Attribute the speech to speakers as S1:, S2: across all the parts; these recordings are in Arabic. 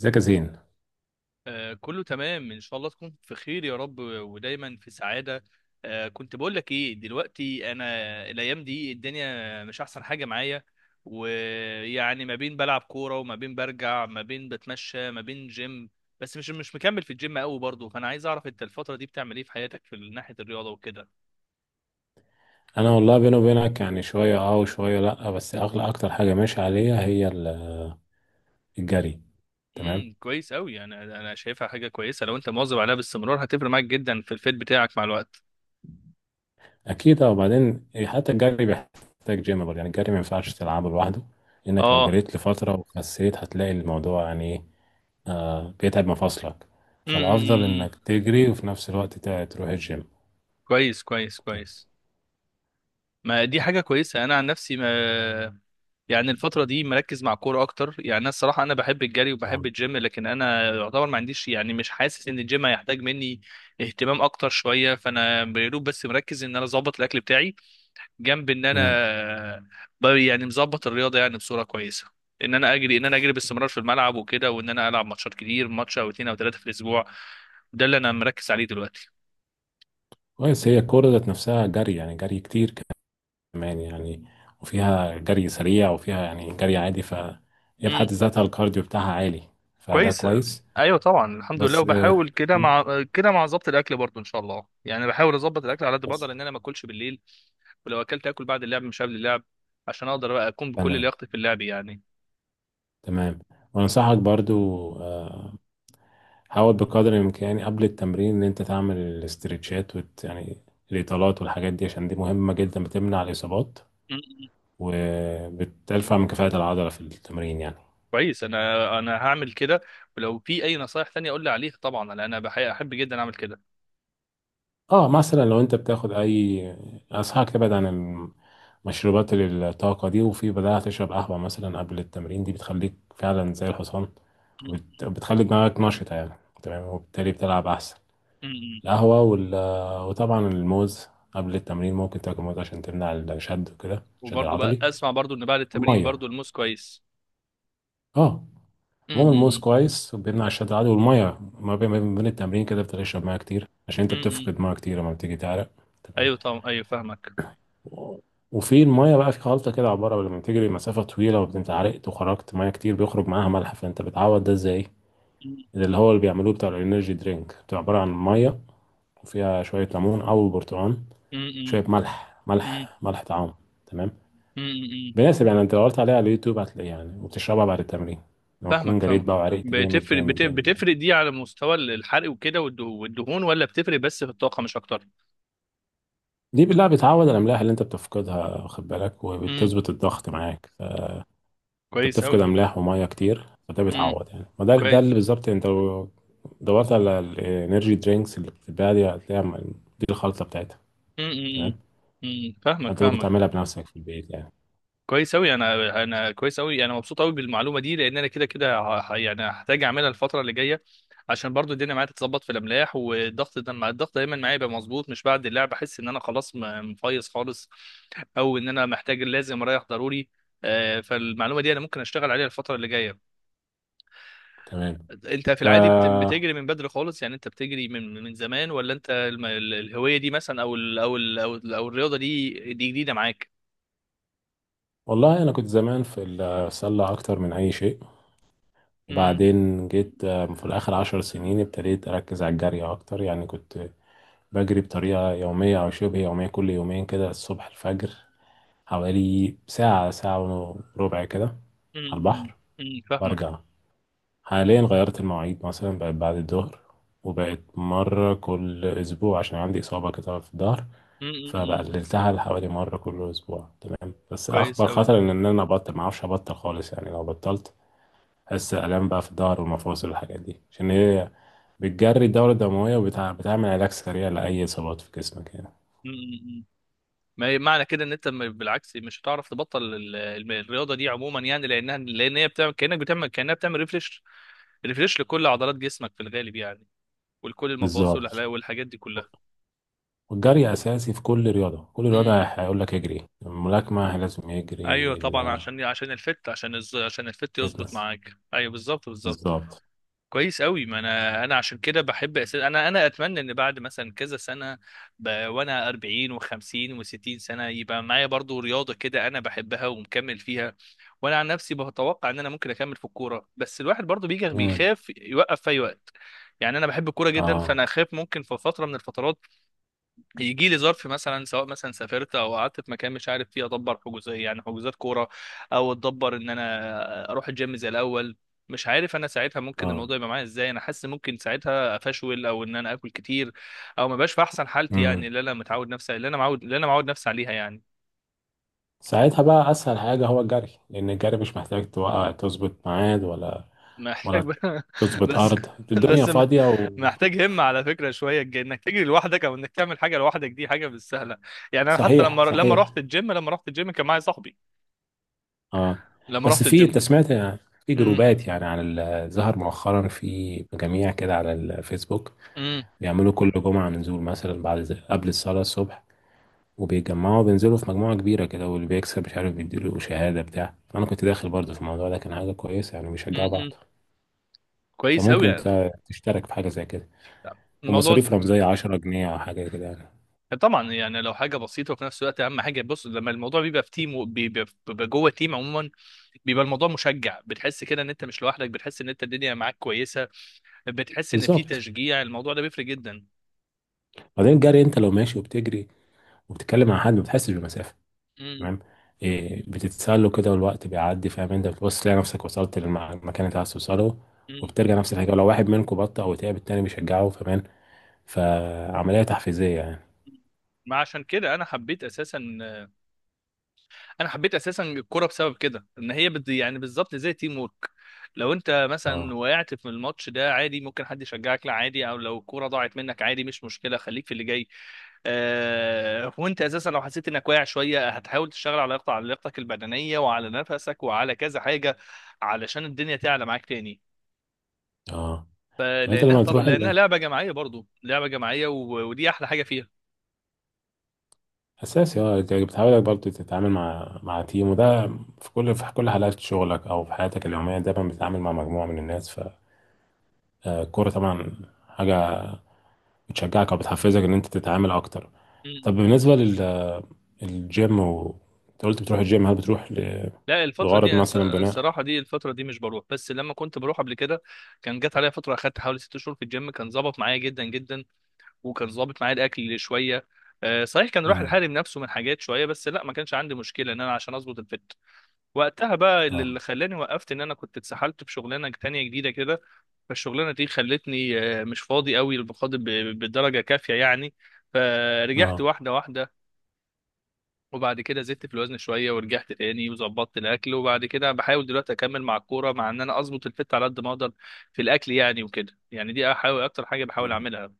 S1: ازيك يا زين؟
S2: آه، كله تمام، ان شاء الله تكون في خير يا رب ودايما في سعاده. آه كنت بقول لك ايه دلوقتي، انا الايام دي الدنيا مش احسن حاجه معايا، ويعني ما بين بلعب كوره وما بين برجع ما بين بتمشى ما بين جيم. بس مش مكمل في الجيم قوي برضه، فانا عايز اعرف انت الفتره دي بتعمل ايه في حياتك في ناحيه الرياضه وكده.
S1: انا والله بيني وبينك يعني شويه اه وشويه لا، بس اغلى اكتر حاجه ماشي عليها هي الجري. تمام.
S2: كويس قوي، انا شايفها حاجه كويسه، لو انت مواظب عليها باستمرار هتفرق معاك جدا في الفيت بتاعك مع الوقت.
S1: اكيد اه، وبعدين حتى الجري بيحتاج جيم برضه. يعني الجري ما ينفعش تلعبه لوحده، لانك لو
S2: اه.
S1: جريت لفتره وخسيت هتلاقي الموضوع يعني ايه، آه، بيتعب مفاصلك.
S2: أمم،
S1: فالافضل
S2: أمم. إمم.
S1: انك تجري وفي نفس الوقت تروح الجيم.
S2: كويس كويس
S1: تمام.
S2: كويس. ما دي حاجة كويسة. أنا عن نفسي ما يعني الفترة دي مركز مع الكورة أكتر. يعني أنا الصراحة أنا بحب الجري وبحب
S1: طبعاً.
S2: الجيم، لكن أنا يعتبر ما عنديش، يعني مش حاسس إن الجيم هيحتاج مني اهتمام أكتر شوية، فأنا بيروب بس مركز إن أنا أظبط الأكل بتاعي، جنب إن
S1: امم،
S2: أنا يعني مظبط الرياضة يعني بصورة كويسة، إن أنا أجري، باستمرار في الملعب وكده، وإن أنا ألعب ماتشات كتير، ماتش أو اتنين أو تلاتة في الأسبوع. ده اللي أنا مركز عليه دلوقتي.
S1: كويس. هي الكوره ذات نفسها جري، يعني جري كتير كمان يعني، وفيها جري سريع وفيها يعني جري عادي، ف هي في حد ذاتها الكارديو بتاعها عالي، فده
S2: كويس.
S1: كويس.
S2: ايوه طبعا، الحمد لله،
S1: بس آه،
S2: وبحاول كده مع كده مع ظبط الاكل برضو ان شاء الله. يعني بحاول اظبط الاكل على قد ما
S1: بس
S2: اقدر، ان انا ما اكلش بالليل، ولو اكلت، اكل بعد اللعب مش قبل اللعب، عشان اقدر بقى اكون بكل
S1: تمام.
S2: لياقتي في اللعب يعني.
S1: تمام، وانصحك برضو، آه، حاول بقدر الامكان قبل التمرين ان انت تعمل الاسترتشات يعني الاطالات والحاجات دي، عشان دي مهمة جدا، بتمنع الاصابات
S2: م- م.
S1: وبترفع من كفاءة العضلة في التمرين يعني.
S2: كويس، انا هعمل كده. ولو في اي نصايح تانية قول لي عليها طبعا، لأن انا احب جدا اعمل كده.
S1: اه مثلا لو انت بتاخد اي، انصحك تبعد عن المشروبات الطاقه دي، وفي بدأت تشرب قهوه مثلا قبل التمرين، دي بتخليك فعلا زي الحصان،
S2: م-
S1: وبت- بتخلي دماغك نشطه يعني. تمام، وبالتالي بتلعب احسن.
S2: م.
S1: القهوه وال...، وطبعا الموز قبل التمرين ممكن تاكل موز عشان تمنع الشد وكده، الشد
S2: وبرضو بقى
S1: العضلي
S2: اسمع برضو ان بعد التمرين
S1: والميه.
S2: برضو الموز كويس.
S1: اه،
S2: م-
S1: عموما الموز
S2: م.
S1: كويس وبيمنع الشد العضلي، والميه ما بين التمرين كده بتشرب ميه كتير عشان
S2: م-
S1: انت
S2: م.
S1: بتفقد ميه كتير لما بتيجي تعرق. تمام.
S2: ايوه طبعا، ايوه فاهمك.
S1: وفي المية بقى في خلطة كده، عبارة لما تجري مسافة طويلة وانت عرقت وخرجت مية كتير، بيخرج معاها ملح، فانت بتعوض ده ازاي؟
S2: م-
S1: ده اللي هو اللي بيعملوه بتاع الانرجي درينك، بتبقى عبارة عن مية وفيها شوية ليمون أو برتقال،
S2: م.
S1: شوية ملح،
S2: م- م.
S1: ملح ملح طعام. تمام؟
S2: م- م.
S1: بيناسب يعني، انت لو دورت عليها على اليوتيوب هتلاقيه يعني، وبتشربها بعد التمرين لما تكون
S2: فاهمك
S1: جريت
S2: فاهمك.
S1: بقى وعرقت جامد جامد جامد يعني.
S2: بتفرق دي على مستوى الحرق وكده والدهون، ولا بتفرق بس في الطاقة مش أكتر؟
S1: دي بالله بتعوض الأملاح اللي انت بتفقدها، واخد بالك،
S2: امم،
S1: وبتظبط الضغط معاك. انت
S2: كويس
S1: بتفقد
S2: أوي.
S1: املاح وميه كتير فده
S2: امم،
S1: بيتعوض يعني، ما ده
S2: كويس.
S1: اللي بالظبط انت لو دورت على الانرجي درينكس اللي بتتباع دي هتلاقيها، دي الخلطه بتاعتها.
S2: امم. امم.
S1: تمام.
S2: امم. امم. فاهمك
S1: انت ممكن
S2: فاهمك.
S1: تعملها بنفسك في البيت يعني.
S2: كويس أوي، أنا كويس أوي، أنا مبسوط أوي بالمعلومة دي، لأن أنا كده يعني هحتاج أعملها الفترة اللي جاية، عشان برضو الدنيا معايا تتظبط في الأملاح والضغط، ده مع الضغط دايما معايا يبقى مظبوط، مش بعد اللعب أحس إن أنا خلاص مفيص خالص، أو إن أنا محتاج لازم أريح ضروري. آه، فالمعلومة دي أنا ممكن أشتغل عليها الفترة اللي جاية.
S1: تمام.
S2: انت في
S1: ك...
S2: العادي بتجري من بدري خالص يعني، انت بتجري من زمان، ولا انت الهوية دي مثلا، او ال او ال او, ال أو الرياضة دي جديدة معاك؟
S1: والله انا كنت زمان في السله اكتر من اي شيء،
S2: امم.
S1: وبعدين جيت آه، في الاخر 10 سنين ابتديت اركز على الجري اكتر. يعني كنت بجري بطريقه يوميه او شبه يوميه كل يومين كده الصبح الفجر، حوالي ساعه، ساعه وربع كده، على
S2: امم.
S1: البحر
S2: امم، فاهمك.
S1: وارجع. حاليا غيرت المواعيد، مثلا بقت بعد الظهر، وبقت مرة كل أسبوع عشان عندي إصابة كده في الظهر،
S2: امم. امم. امم.
S1: فبقللتها لحوالي مرة كل أسبوع. تمام، بس
S2: كويس
S1: أخطر
S2: قوي.
S1: خطر إن أنا أبطل، معرفش أبطل خالص يعني. لو بطلت أحس آلام بقى في الظهر والمفاصل والحاجات دي، عشان هي بتجري الدورة الدموية وبتعمل علاج سريع لأي إصابات في جسمك يعني.
S2: امم. ما معنى كده ان انت بالعكس مش هتعرف تبطل الرياضة دي عموما يعني، لان هي بتعمل كانك بتعمل، كانها بتعمل ريفريش، ريفريش لكل عضلات جسمك في الغالب يعني، ولكل
S1: بالظبط.
S2: المفاصل والحاجات دي كلها.
S1: والجري أساسي في كل رياضة، كل
S2: امم.
S1: رياضة هيقول لك اجري، الملاكمة لازم
S2: ايوه
S1: يجري،
S2: طبعا، عشان الفت، عشان الفت يظبط
S1: الفتنس،
S2: معاك، ايوه بالظبط بالظبط.
S1: بالظبط.
S2: كويس قوي، ما انا عشان كده بحب انا اتمنى ان بعد مثلا كذا سنه، وانا 40 و50 و60 سنه يبقى معايا برضو رياضه كده انا بحبها ومكمل فيها. وانا عن نفسي بتوقع ان انا ممكن اكمل في الكوره، بس الواحد برضو بيجي
S1: مم.
S2: بيخاف يوقف في اي وقت. يعني انا بحب الكوره جدا،
S1: اه
S2: فانا اخاف ممكن في فتره من الفترات يجي لي ظرف مثلا، سواء مثلا سافرت او قعدت في مكان مش عارف فيه ادبر حجوزات، يعني حجوزات كوره، او اتدبر ان انا اروح الجيم زي الاول. مش عارف انا ساعتها ممكن
S1: اه.
S2: الموضوع يبقى معايا ازاي، انا حاسس ممكن ساعتها افشول، او ان انا اكل كتير، او ما بقاش في احسن حالتي
S1: امم.
S2: يعني، اللي انا متعود نفسي، اللي انا معود نفسي عليها يعني.
S1: ساعتها بقى اسهل حاجه هو الجري، لان الجري مش محتاج توقع، تظبط ميعاد ولا
S2: محتاج
S1: ولا
S2: بقى
S1: تظبط
S2: بس.
S1: ارض، الدنيا
S2: بس م-
S1: فاضيه و...،
S2: محتاج همة على فكرة شوية، انك تجري لوحدك او انك تعمل حاجة لوحدك دي حاجة مش سهلة. يعني انا حتى لما
S1: صحيح
S2: لما
S1: صحيح.
S2: رحت الجيم، لما رحت الجيم كان معايا صاحبي
S1: اه
S2: لما
S1: بس
S2: رحت
S1: في، انت
S2: الجيم.
S1: سمعت في جروبات يعني على ظهر مؤخرا، في مجاميع كده على الفيسبوك
S2: امم.
S1: بيعملوا كل جمعه نزول مثلا بعد قبل الصلاه الصبح، وبيتجمعوا بينزلوا في مجموعه كبيره كده، واللي بيكسب مش عارف بيديله شهاده بتاع. انا كنت داخل برضه في الموضوع ده، كان حاجه كويسه يعني، بيشجعوا
S2: امم،
S1: بعض.
S2: كويس قوي
S1: فممكن
S2: يعني
S1: تشترك في حاجة زي كده،
S2: الموضوع.
S1: ومصاريف رمزية 10 جنيه أو حاجة كده يعني.
S2: طبعا يعني لو حاجه بسيطه وفي نفس الوقت، اهم حاجه بص، لما الموضوع بيبقى في تيم، وبيبقى جوه تيم عموما، بيبقى الموضوع مشجع، بتحس كده ان انت مش لوحدك، بتحس ان انت الدنيا معاك كويسه، بتحس ان في
S1: بالظبط.
S2: تشجيع، الموضوع ده بيفرق جدا.
S1: بعدين الجري أنت لو ماشي وبتجري وبتتكلم مع حد ما بتحسش بالمسافة.
S2: امم.
S1: تمام. إيه، بتتسله كده والوقت بيعدي، فاهم؟ أنت بتبص تلاقي نفسك وصلت للمكان اللي أنت عايز توصله،
S2: امم.
S1: وبترجع نفس الحاجة، ولو واحد منكم بطأ أو تعب التاني بيشجعه، فاهم؟ فعملية تحفيزية يعني.
S2: ما عشان كده انا حبيت اساسا، انا حبيت اساسا الكوره بسبب كده، ان هي يعني بالظبط زي تيم وورك. لو انت مثلا
S1: اه
S2: وقعت في الماتش ده عادي، ممكن حد يشجعك، لا عادي، او لو الكوره ضاعت منك عادي مش مشكله، خليك في اللي جاي. وانت اساسا لو حسيت انك واقع شويه، هتحاول تشتغل على لياقتك، على لياقتك البدنيه وعلى نفسك وعلى كذا حاجه، علشان الدنيا تعلى معاك تاني.
S1: اه. طب أنت
S2: فلانها
S1: لما
S2: طب
S1: بتروح
S2: لانها
S1: ال...،
S2: لعبه جماعيه، برضو لعبه جماعيه، ودي احلى حاجه
S1: اساسي، اه انت بتحاول برضه تتعامل مع تيم وده. في كل حالات شغلك او في حياتك اليوميه دايما بتتعامل مع مجموعه من الناس، فالكوره طبعا حاجه بتشجعك او بتحفزك ان انت تتعامل اكتر.
S2: فيها.
S1: طب بالنسبه لل الجيم و...، انت قلت بتروح الجيم، هل بتروح ل-
S2: لا الفترة
S1: لغرض
S2: دي
S1: مثلا بناء؟
S2: الصراحة دي الفترة دي مش بروح، بس لما كنت بروح قبل كده، كان جت عليا فترة أخدت حوالي ست شهور في الجيم، كان ظابط معايا جدا جدا، وكان ظابط معايا الأكل شوية. آه، صحيح كان راح
S1: امم.
S2: الحارم نفسه من حاجات شوية، بس لا ما كانش عندي مشكلة إن أنا عشان أظبط الفت وقتها بقى. اللي
S1: اه
S2: اللي خلاني وقفت إن أنا كنت اتسحلت في شغلانة تانية جديدة كده، فالشغلانة دي خلتني آه، مش فاضي قوي بقدر، بدرجة كافية يعني، فرجعت
S1: اه.
S2: واحدة واحدة، وبعد كده زدت في الوزن شويه، ورجعت تاني وظبطت الاكل، وبعد كده بحاول دلوقتي اكمل مع الكوره، مع ان انا اظبط الفت على قد ما اقدر في الاكل يعني وكده. يعني دي احاول اكتر حاجه بحاول
S1: مم.
S2: اعملها.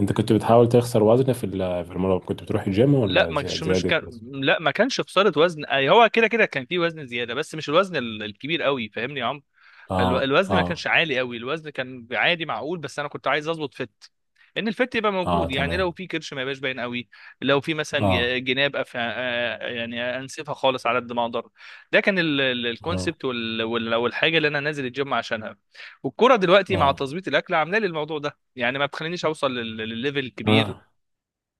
S1: انت كنت بتحاول تخسر وزن في في المرة كنت بتروح الجيم،
S2: لا
S1: ولا
S2: مش مش
S1: زيادة
S2: كان
S1: وزن؟
S2: لا ما كانش خساره وزن، اي هو كده كده كان في وزن زياده، بس مش الوزن الكبير قوي فاهمني يا عمرو.
S1: اه
S2: فالوزن ما
S1: اه
S2: كانش عالي قوي، الوزن كان عادي معقول، بس انا كنت عايز اظبط فت، ان الفت يبقى
S1: اه.
S2: موجود يعني، لو
S1: تمام.
S2: في كرش ما يبقاش باين قوي، لو في مثلا
S1: اه
S2: جناب آه، يعني انسفها خالص على قد ما اقدر. ده كان
S1: اه
S2: الكونسبت والحاجه اللي انا نازل الجيم عشانها، والكوره دلوقتي مع
S1: اه،
S2: تظبيط الاكل عامله لي الموضوع ده، يعني ما بتخلينيش اوصل للليفل الكبير،
S1: آه.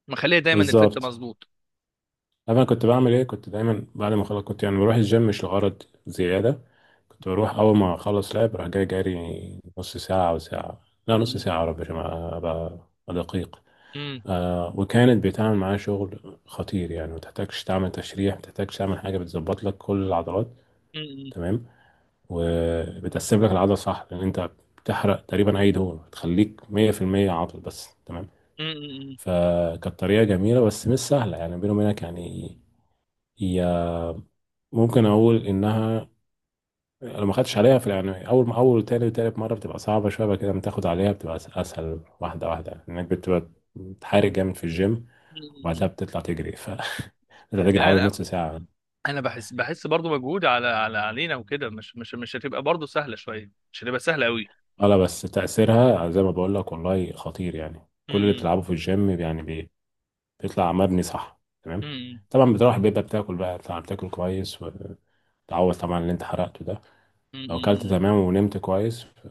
S2: مخليه دايما الفت
S1: بالظبط.
S2: مظبوط.
S1: عارف انا كنت بعمل ايه؟ كنت دايما بعد ما خلاص، كنت يعني بروح الجيم مش لغرض زياده، كنت بروح اول ما اخلص لعب، راح جاي جاري نص ساعه او ساعه، لا نص
S2: م.
S1: ساعه يا رب، عشان ابقى أبقى دقيق.
S2: م.
S1: آه، وكانت بتعمل معايا شغل خطير يعني، ما تحتاجش تعمل تشريح، ما تحتاجش تعمل حاجه، بتظبط لك كل العضلات.
S2: م. م.
S1: تمام، وبتقسم لك العضله صح، لان انت بتحرق تقريبا اي دهون، بتخليك 100% عضل بس. تمام.
S2: م. م.
S1: فكانت طريقه جميله بس مش سهله يعني، بيني وبينك يعني. هي ممكن اقول انها لو ما خدتش عليها في، يعني اول ما اول تاني وتالت مره بتبقى صعبه شويه، بعد كده لما تاخد عليها بتبقى اسهل، واحده واحده، انك بتبقى بتحارب جامد في الجيم،
S2: م. م.
S1: وبعدها بتطلع تجري ف بتطلع تجري حوالي
S2: م.
S1: نص ساعه.
S2: انا بحس، بحس برضو مجهود على علينا وكده، مش مش هتبقى برضو سهله شويه، مش هتبقى سهله قوي.
S1: اه لا بس تاثيرها زي ما بقول لك والله خطير يعني، كل اللي بتلعبه في الجيم يعني بيطلع مبني صح. تمام. طبعا بتروح بيبقى بتاكل بقى، طبعا بتاكل كويس وتعوض طبعا اللي انت حرقته ده. لو اكلت
S2: امم.
S1: تمام ونمت كويس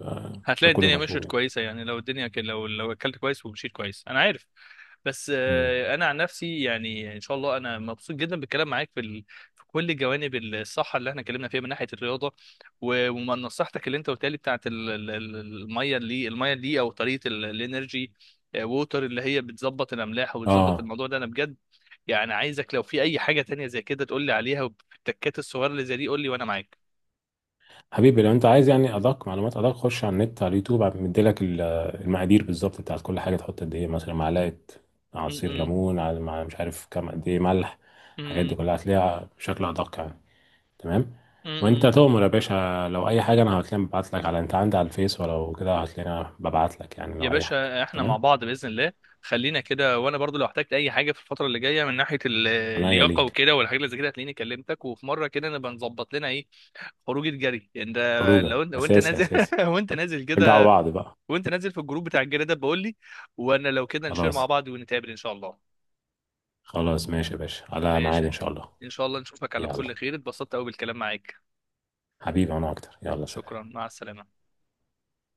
S1: ده
S2: هتلاقي
S1: كل
S2: الدنيا
S1: المطلوب
S2: مشيت
S1: يعني.
S2: كويسه يعني، لو الدنيا لو اكلت كويس ومشيت كويس انا عارف. بس
S1: مم.
S2: آه، انا عن نفسي يعني ان شاء الله انا مبسوط جدا بالكلام معاك في كل جوانب الصحه اللي احنا اتكلمنا فيها من ناحيه الرياضه، ومن نصيحتك اللي انت قلتها لي بتاعت الميه، اللي الميه دي او طريقه الانرجي، آه، ووتر، اللي هي بتظبط الاملاح وبتظبط
S1: اه.
S2: الموضوع ده، انا بجد يعني عايزك لو في اي حاجه تانية زي كده تقول لي عليها، والتكات الصغيره اللي زي دي قول لي وانا معاك.
S1: حبيبي لو انت عايز يعني ادق معلومات، ادق، خش على النت على اليوتيوب، مديلك المقادير بالظبط بتاعت كل حاجه، تحط قد ايه مثلا معلقه
S2: م.
S1: عصير
S2: م.
S1: ليمون على مع مش عارف كام قد ايه ملح، الحاجات
S2: م.
S1: دي كلها هتلاقيها بشكل ادق يعني. تمام.
S2: م.
S1: وانت
S2: م.
S1: تؤمر يا باشا، لو اي حاجه انا هتلاقيني ببعت لك، على انت عندي على الفيس، ولو كده هتلاقيني ببعت لك يعني،
S2: يا
S1: لو اي حاجه.
S2: باشا احنا مع
S1: تمام،
S2: بعض باذن الله، خلينا كده. وانا برضو لو احتجت اي حاجه في الفتره اللي جايه من ناحيه
S1: عينيا
S2: اللياقه
S1: ليك.
S2: وكده والحاجات اللي زي كده هتلاقيني كلمتك، وفي مره كده نبقى نظبط لنا ايه، خروجه جري. انت
S1: خروجه
S2: لو انت وانت
S1: اساسي
S2: نازل
S1: اساسي،
S2: وانت نازل
S1: رجعوا
S2: كده،
S1: بعض بقى.
S2: وانت نازل في الجروب بتاع الجري ده بقول لي، وانا لو كده نشير مع
S1: خلاص،
S2: بعض ونتقابل ان شاء الله.
S1: خلاص، ماشي يا باشا على
S2: ماشي
S1: ميعاد
S2: يا
S1: ان شاء
S2: جميل،
S1: الله.
S2: ان شاء الله نشوفك على
S1: يلا،
S2: كل خير، اتبسطت قوي بالكلام معاك.
S1: حبيبي انا اكتر، يلا
S2: شكرا
S1: سلام.
S2: مع السلامه.